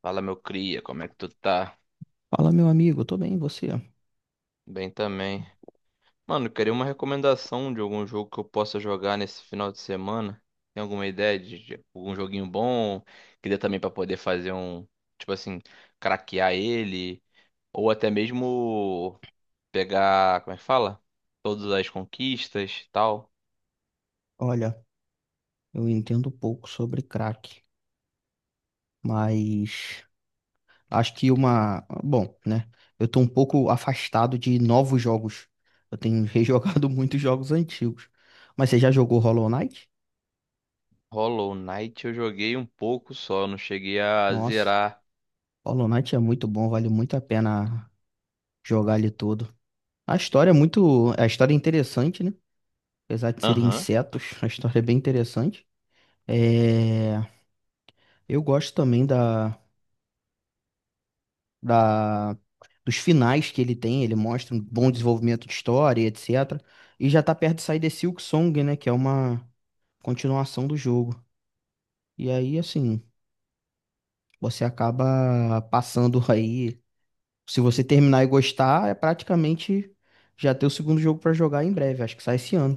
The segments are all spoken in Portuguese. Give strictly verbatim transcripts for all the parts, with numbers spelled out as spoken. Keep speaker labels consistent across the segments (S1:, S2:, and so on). S1: Fala, meu cria, como é que tu tá?
S2: Fala, meu amigo, tô bem, e você?
S1: Bem também. Mano, eu queria uma recomendação de algum jogo que eu possa jogar nesse final de semana. Tem alguma ideia de, de algum joguinho bom que dê também pra poder fazer um, tipo assim, craquear ele ou até mesmo pegar, como é que fala? Todas as conquistas, e tal.
S2: Olha, eu entendo pouco sobre crack, mas acho que uma. Bom, né? Eu tô um pouco afastado de novos jogos. Eu tenho rejogado muitos jogos antigos. Mas você já jogou Hollow Knight?
S1: Hollow Knight eu joguei um pouco só, não cheguei a
S2: Nossa,
S1: zerar.
S2: Hollow Knight é muito bom, vale muito a pena jogar ele todo. A história é muito. A história é interessante, né? Apesar de serem
S1: Aham.
S2: insetos, a história é bem interessante. É... Eu gosto também da. da, dos finais que ele tem, ele mostra um bom desenvolvimento de história, e etcétera. E já tá perto de sair The Silk Song, né? Que é uma continuação do jogo. E aí, assim, você acaba passando aí. Se você terminar e gostar, é praticamente já ter o segundo jogo pra jogar em breve. Acho que sai esse ano.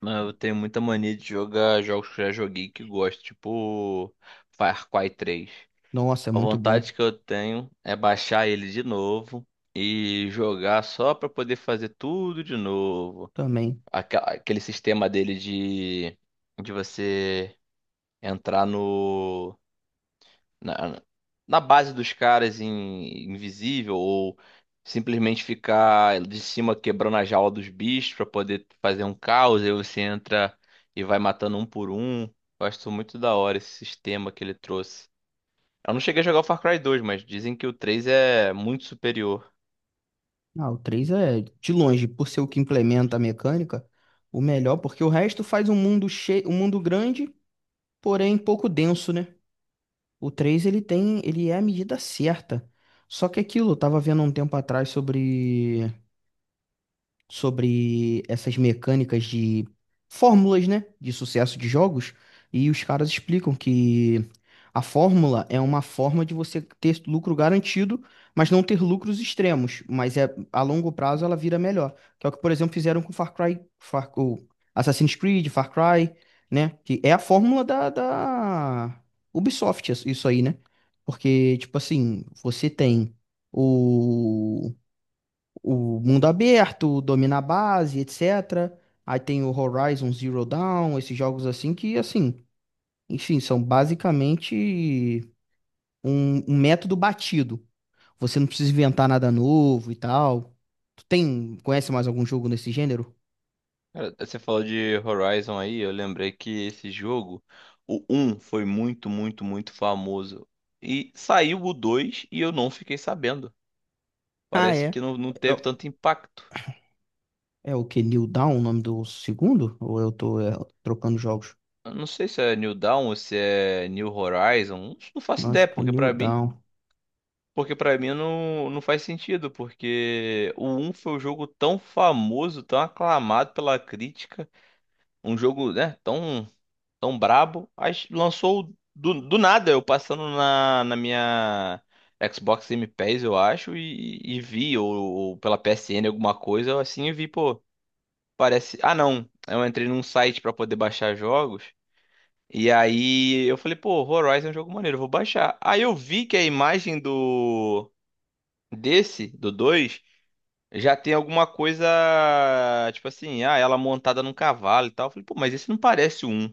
S1: Não, eu tenho muita mania de jogar jogos que eu já joguei e que gosto, tipo Far Cry três.
S2: Nossa, é
S1: A
S2: muito bom
S1: vontade que eu tenho é baixar ele de novo e jogar só pra poder fazer tudo de novo.
S2: também.
S1: Aquela- Aquele sistema dele de, de você entrar no na, na base dos caras em invisível ou simplesmente ficar de cima quebrando a jaula dos bichos pra poder fazer um caos, aí você entra e vai matando um por um. Gosto muito da hora esse sistema que ele trouxe. Eu não cheguei a jogar o Far Cry dois, mas dizem que o três é muito superior.
S2: Ah, o três é de longe, por ser o que implementa a mecânica, o melhor, porque o resto faz um mundo cheio, um mundo grande, porém pouco denso, né? O três ele tem, ele é a medida certa. Só que é aquilo, eu tava vendo um tempo atrás sobre sobre essas mecânicas de fórmulas, né, de sucesso de jogos, e os caras explicam que a fórmula é uma forma de você ter lucro garantido, mas não ter lucros extremos, mas é a longo prazo ela vira melhor. Que é o que, por exemplo, fizeram com Far Cry, Far, o Assassin's Creed, Far Cry, né, que é a fórmula da, da Ubisoft, isso isso aí, né? Porque, tipo assim, você tem o o mundo aberto, o domina a base, etcétera. Aí tem o Horizon Zero Dawn, esses jogos assim que, assim, enfim, são basicamente um, um método batido. Você não precisa inventar nada novo e tal. Tu tem, conhece mais algum jogo nesse gênero?
S1: Cara, você falou de Horizon aí, eu lembrei que esse jogo, o um foi muito, muito, muito famoso. E saiu o dois e eu não fiquei sabendo.
S2: Ah,
S1: Parece
S2: é.
S1: que não, não teve tanto impacto.
S2: É, é o que? New Dawn, o nome do segundo? Ou eu tô, é, trocando jogos?
S1: Eu não sei se é New Dawn ou se é New Horizon. Não faço
S2: Não,
S1: ideia,
S2: acho que é
S1: porque
S2: New
S1: pra mim,
S2: Dawn.
S1: porque para mim não, não faz sentido, porque o um foi um jogo tão famoso, tão aclamado pela crítica, um jogo, né, tão tão brabo, aí lançou do, do nada, eu passando na, na minha Xbox Game Pass, eu acho, e, e vi ou, ou pela P S N alguma coisa, assim, e vi, pô, parece, ah, não, eu entrei num site pra poder baixar jogos. E aí eu falei, pô, Horizon é um jogo maneiro, eu vou baixar. Aí eu vi que a imagem do desse, do dois já tem alguma coisa, tipo assim, ah, ela montada num cavalo e tal. Eu falei, pô, mas esse não parece o um.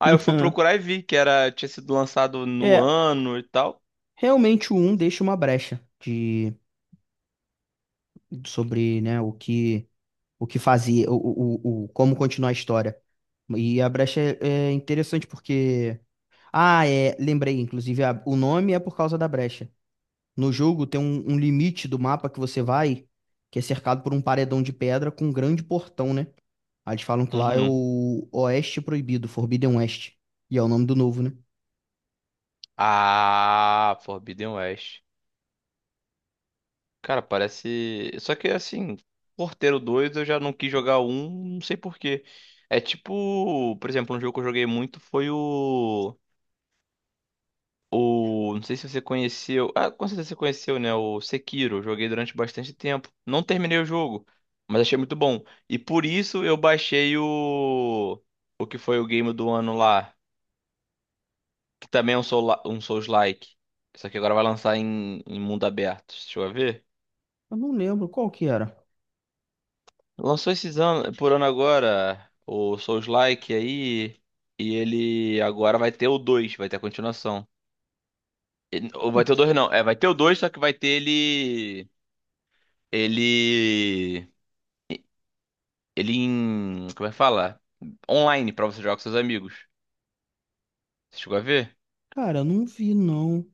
S1: Aí eu fui procurar e vi que era tinha sido lançado no
S2: É,
S1: ano e tal.
S2: realmente o um deixa uma brecha de sobre, né, o que o que fazia, o, o, o, o- como continuar a história. E a brecha é é interessante porque. Ah, é. Lembrei, inclusive, a- o nome é por causa da brecha. No jogo tem um, um limite do mapa que você vai, que é cercado por um paredão de pedra com um grande portão, né? Aí eles falam que lá é
S1: Uhum.
S2: o Oeste Proibido, Forbidden West. E é o nome do novo, né?
S1: Ah, Forbidden West. Cara, parece, só que assim, Porteiro dois eu já não quis jogar o um, não sei por quê. É tipo, por exemplo, um jogo que eu joguei muito foi o O, não sei se você conheceu. Ah, com certeza você conheceu, né? O Sekiro. Joguei durante bastante tempo. Não terminei o jogo, mas achei muito bom. E por isso eu baixei o. O que foi o game do ano lá. Que também é um, soula- um Souls-like. Só que agora vai lançar em, em mundo aberto. Deixa eu ver.
S2: Eu não lembro qual que era.
S1: Lançou esses anos, por ano agora o Souls-like aí. E ele agora vai ter o dois, vai ter a continuação. E- Ou vai ter o dois, não. É, vai ter o dois, só que vai ter ele. Ele. Ele em. Como é que fala? Online pra você jogar com seus amigos. Você chegou a ver?
S2: Cara, eu não vi, não.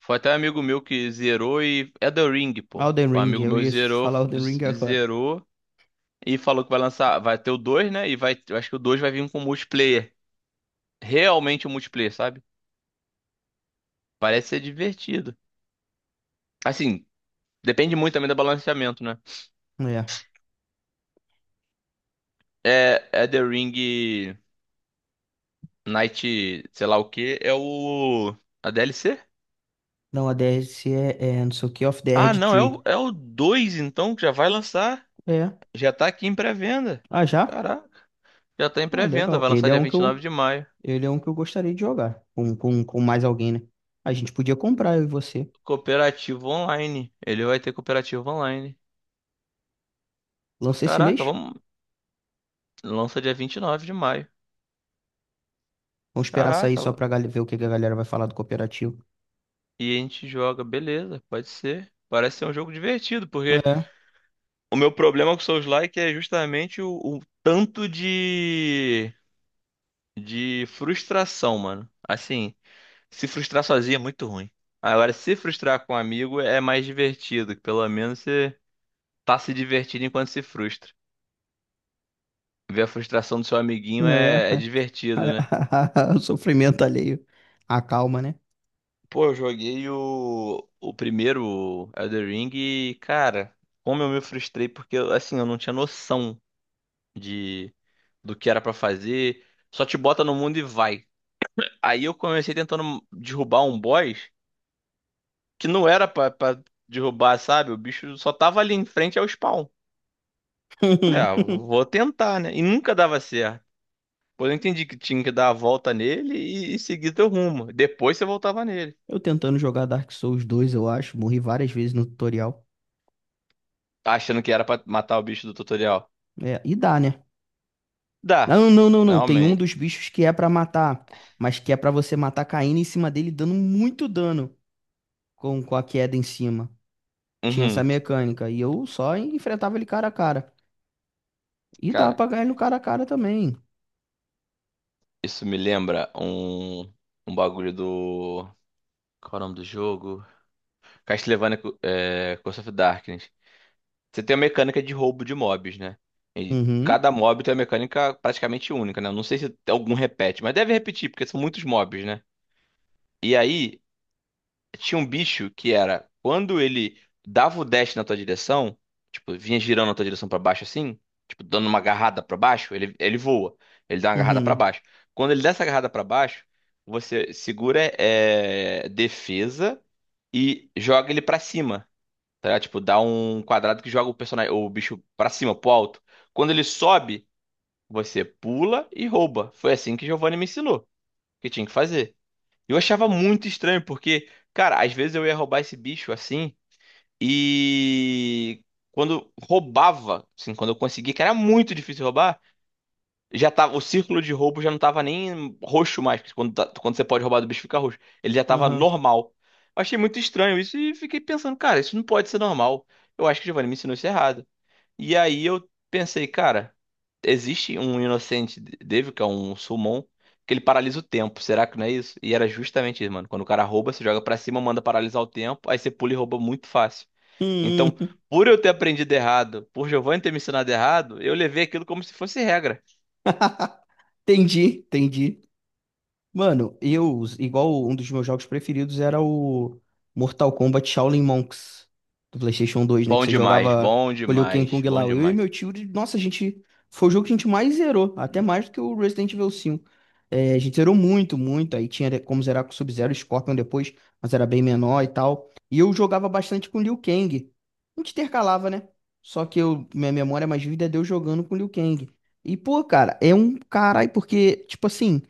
S1: Foi até um amigo meu que zerou e. É The Ring, pô.
S2: Elden
S1: Um
S2: Ring,
S1: amigo
S2: eu
S1: meu
S2: ia
S1: zerou,
S2: falar Elden
S1: z-
S2: Ring agora.
S1: zerou e falou que vai lançar. Vai ter o dois, né? E vai. Eu acho que o dois vai vir com multiplayer. Realmente um multiplayer, sabe? Parece ser divertido. Assim, depende muito também do balanceamento, né?
S2: É.
S1: É, é The Ring Night, sei lá o que, é o. A D L C?
S2: Não, a D L C é, é não sei o que, of the
S1: Ah,
S2: Erd
S1: não, é
S2: Tree.
S1: o, é o dois então, que já vai lançar.
S2: É.
S1: Já tá aqui em pré-venda.
S2: Ah, já?
S1: Caraca, já tá em
S2: Ah,
S1: pré-venda,
S2: legal.
S1: vai
S2: Ele
S1: lançar
S2: é
S1: dia
S2: um que
S1: vinte e nove
S2: eu,
S1: de maio.
S2: ele é um que eu gostaria de jogar com, com, com mais alguém, né? A gente podia comprar, eu e você.
S1: Cooperativo online. Ele vai ter cooperativo online.
S2: Lança esse
S1: Caraca,
S2: mês?
S1: vamos. Lança dia vinte e nove de maio.
S2: Vamos esperar sair
S1: Caraca,
S2: só pra gal- ver o que que a galera vai falar do cooperativo.
S1: e a gente joga, beleza, pode ser. Parece ser um jogo divertido, porque
S2: É,
S1: o meu problema com Souls-like é justamente o, o tanto de, de frustração, mano. Assim, se frustrar sozinho é muito ruim. Agora, se frustrar com um amigo é mais divertido, que pelo menos você tá se divertindo enquanto se frustra. Ver a frustração do seu amiguinho é, é
S2: é.
S1: divertido, né?
S2: O sofrimento alheio. A calma, né?
S1: Pô, eu joguei o, o primeiro Elden Ring e, cara, como eu me frustrei, porque, assim, eu não tinha noção de do que era pra fazer. Só te bota no mundo e vai. Aí eu comecei tentando derrubar um boss que não era pra, pra derrubar, sabe? O bicho só tava ali em frente ao spawn. Falei, ah, vou tentar, né? E nunca dava certo. Pois eu entendi que tinha que dar a volta nele e, e seguir teu rumo. Depois você voltava nele.
S2: Eu tentando jogar Dark Souls dois, eu acho. Morri várias vezes no tutorial.
S1: Achando que era pra matar o bicho do tutorial.
S2: É, e dá, né?
S1: Dá.
S2: Não, não, não, não.
S1: Não,
S2: Tem um
S1: man.
S2: dos bichos que é pra matar, mas que é pra você matar caindo em cima dele, dando muito dano com, com a queda em cima. Tinha essa
S1: Uhum.
S2: mecânica. E eu só enfrentava ele cara a cara. E dá
S1: Cara,
S2: pra ganhar no cara a cara também.
S1: isso me lembra um, um bagulho do. Qual é o nome do jogo? Castlevania é, Curse of Darkness. Você tem a mecânica de roubo de mobs, né? E
S2: Uhum.
S1: cada mob tem uma mecânica praticamente única, né? Eu não sei se algum repete, mas deve repetir, porque são muitos mobs, né? E aí, tinha um bicho que era quando ele dava o dash na tua direção, tipo, vinha girando na tua direção pra baixo assim, tipo, dando uma agarrada pra baixo, ele, ele voa. Ele dá uma agarrada pra
S2: Uhum.
S1: baixo. Quando ele dá essa agarrada pra baixo, você segura é, defesa e joga ele pra cima, tá? Ligado? Tipo, dá um quadrado que joga o personagem, o bicho pra cima, pro alto. Quando ele sobe, você pula e rouba. Foi assim que Giovanni me ensinou que tinha que fazer. Eu achava muito estranho, porque, cara, às vezes eu ia roubar esse bicho assim, e quando roubava, assim, quando eu conseguia, que era muito difícil roubar, já tava, o círculo de roubo já não tava nem roxo mais, porque quando, tá- quando você pode roubar do bicho fica roxo. Ele já tava
S2: Aham. Uhum.
S1: normal. Eu achei muito estranho isso e fiquei pensando, cara, isso não pode ser normal. Eu acho que o Giovanni me ensinou isso errado. E aí eu pensei, cara, existe um Inocente Devil, que é um summon, que ele paralisa o tempo. Será que não é isso? E era justamente isso, mano. Quando o cara rouba, você joga pra cima, manda paralisar o tempo, aí você pula e rouba muito fácil. Então, por eu ter aprendido errado, por Giovanni ter me ensinado errado, eu levei aquilo como se fosse regra.
S2: Entendi, entendi. Mano, eu, igual um dos meus jogos preferidos era o Mortal Kombat Shaolin Monks do PlayStation dois, né? Que
S1: Bom
S2: você
S1: demais,
S2: jogava
S1: bom
S2: com o Liu Kang e
S1: demais,
S2: Kung
S1: bom
S2: Lao. Eu e
S1: demais.
S2: meu tio, de- nossa, a gente. Foi o jogo que a gente mais zerou, até mais do que o Resident Evil cinco. É, a gente zerou muito, muito. Aí tinha como zerar com o Sub-Zero e Scorpion depois, mas era bem menor e tal. E eu jogava bastante com o Liu Kang. A gente intercalava, né? Só que eu, minha memória mais vívida é de eu jogando com o Liu Kang. E, pô, cara, é um caralho, porque, tipo assim.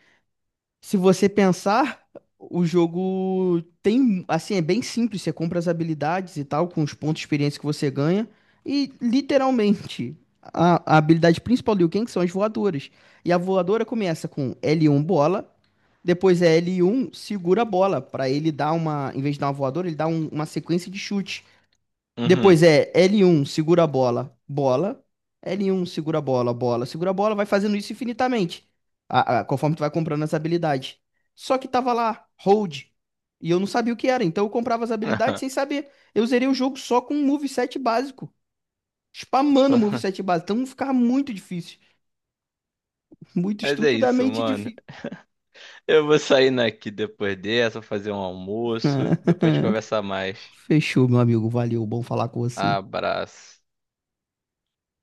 S2: Se você pensar, o jogo tem, assim, é bem simples, você compra as habilidades e tal, com os pontos de experiência que você ganha, e literalmente, a, a habilidade principal do Liu Kang são as voadoras. E a voadora começa com L um bola, depois é L um segura a bola, para ele dar uma, em vez de dar uma voadora, ele dá um- uma sequência de chute.
S1: Uhum.
S2: Depois é L um, segura a bola, bola. L um, segura a bola, bola. Segura a bola, vai fazendo isso infinitamente. A- a- conforme tu vai comprando essa habilidade. Só que tava lá, hold. E eu não sabia o que era. Então eu comprava as habilidades sem saber. Eu zerei o jogo só com um moveset básico. Spamando o
S1: Só-
S2: moveset básico. Então ficava muito difícil. Muito
S1: Mas é isso,
S2: estupidamente
S1: mano.
S2: difícil.
S1: Eu vou saindo aqui depois dessa, vou fazer um almoço, depois a gente conversa mais.
S2: Fechou, meu amigo. Valeu. Bom falar com você.
S1: Abraço.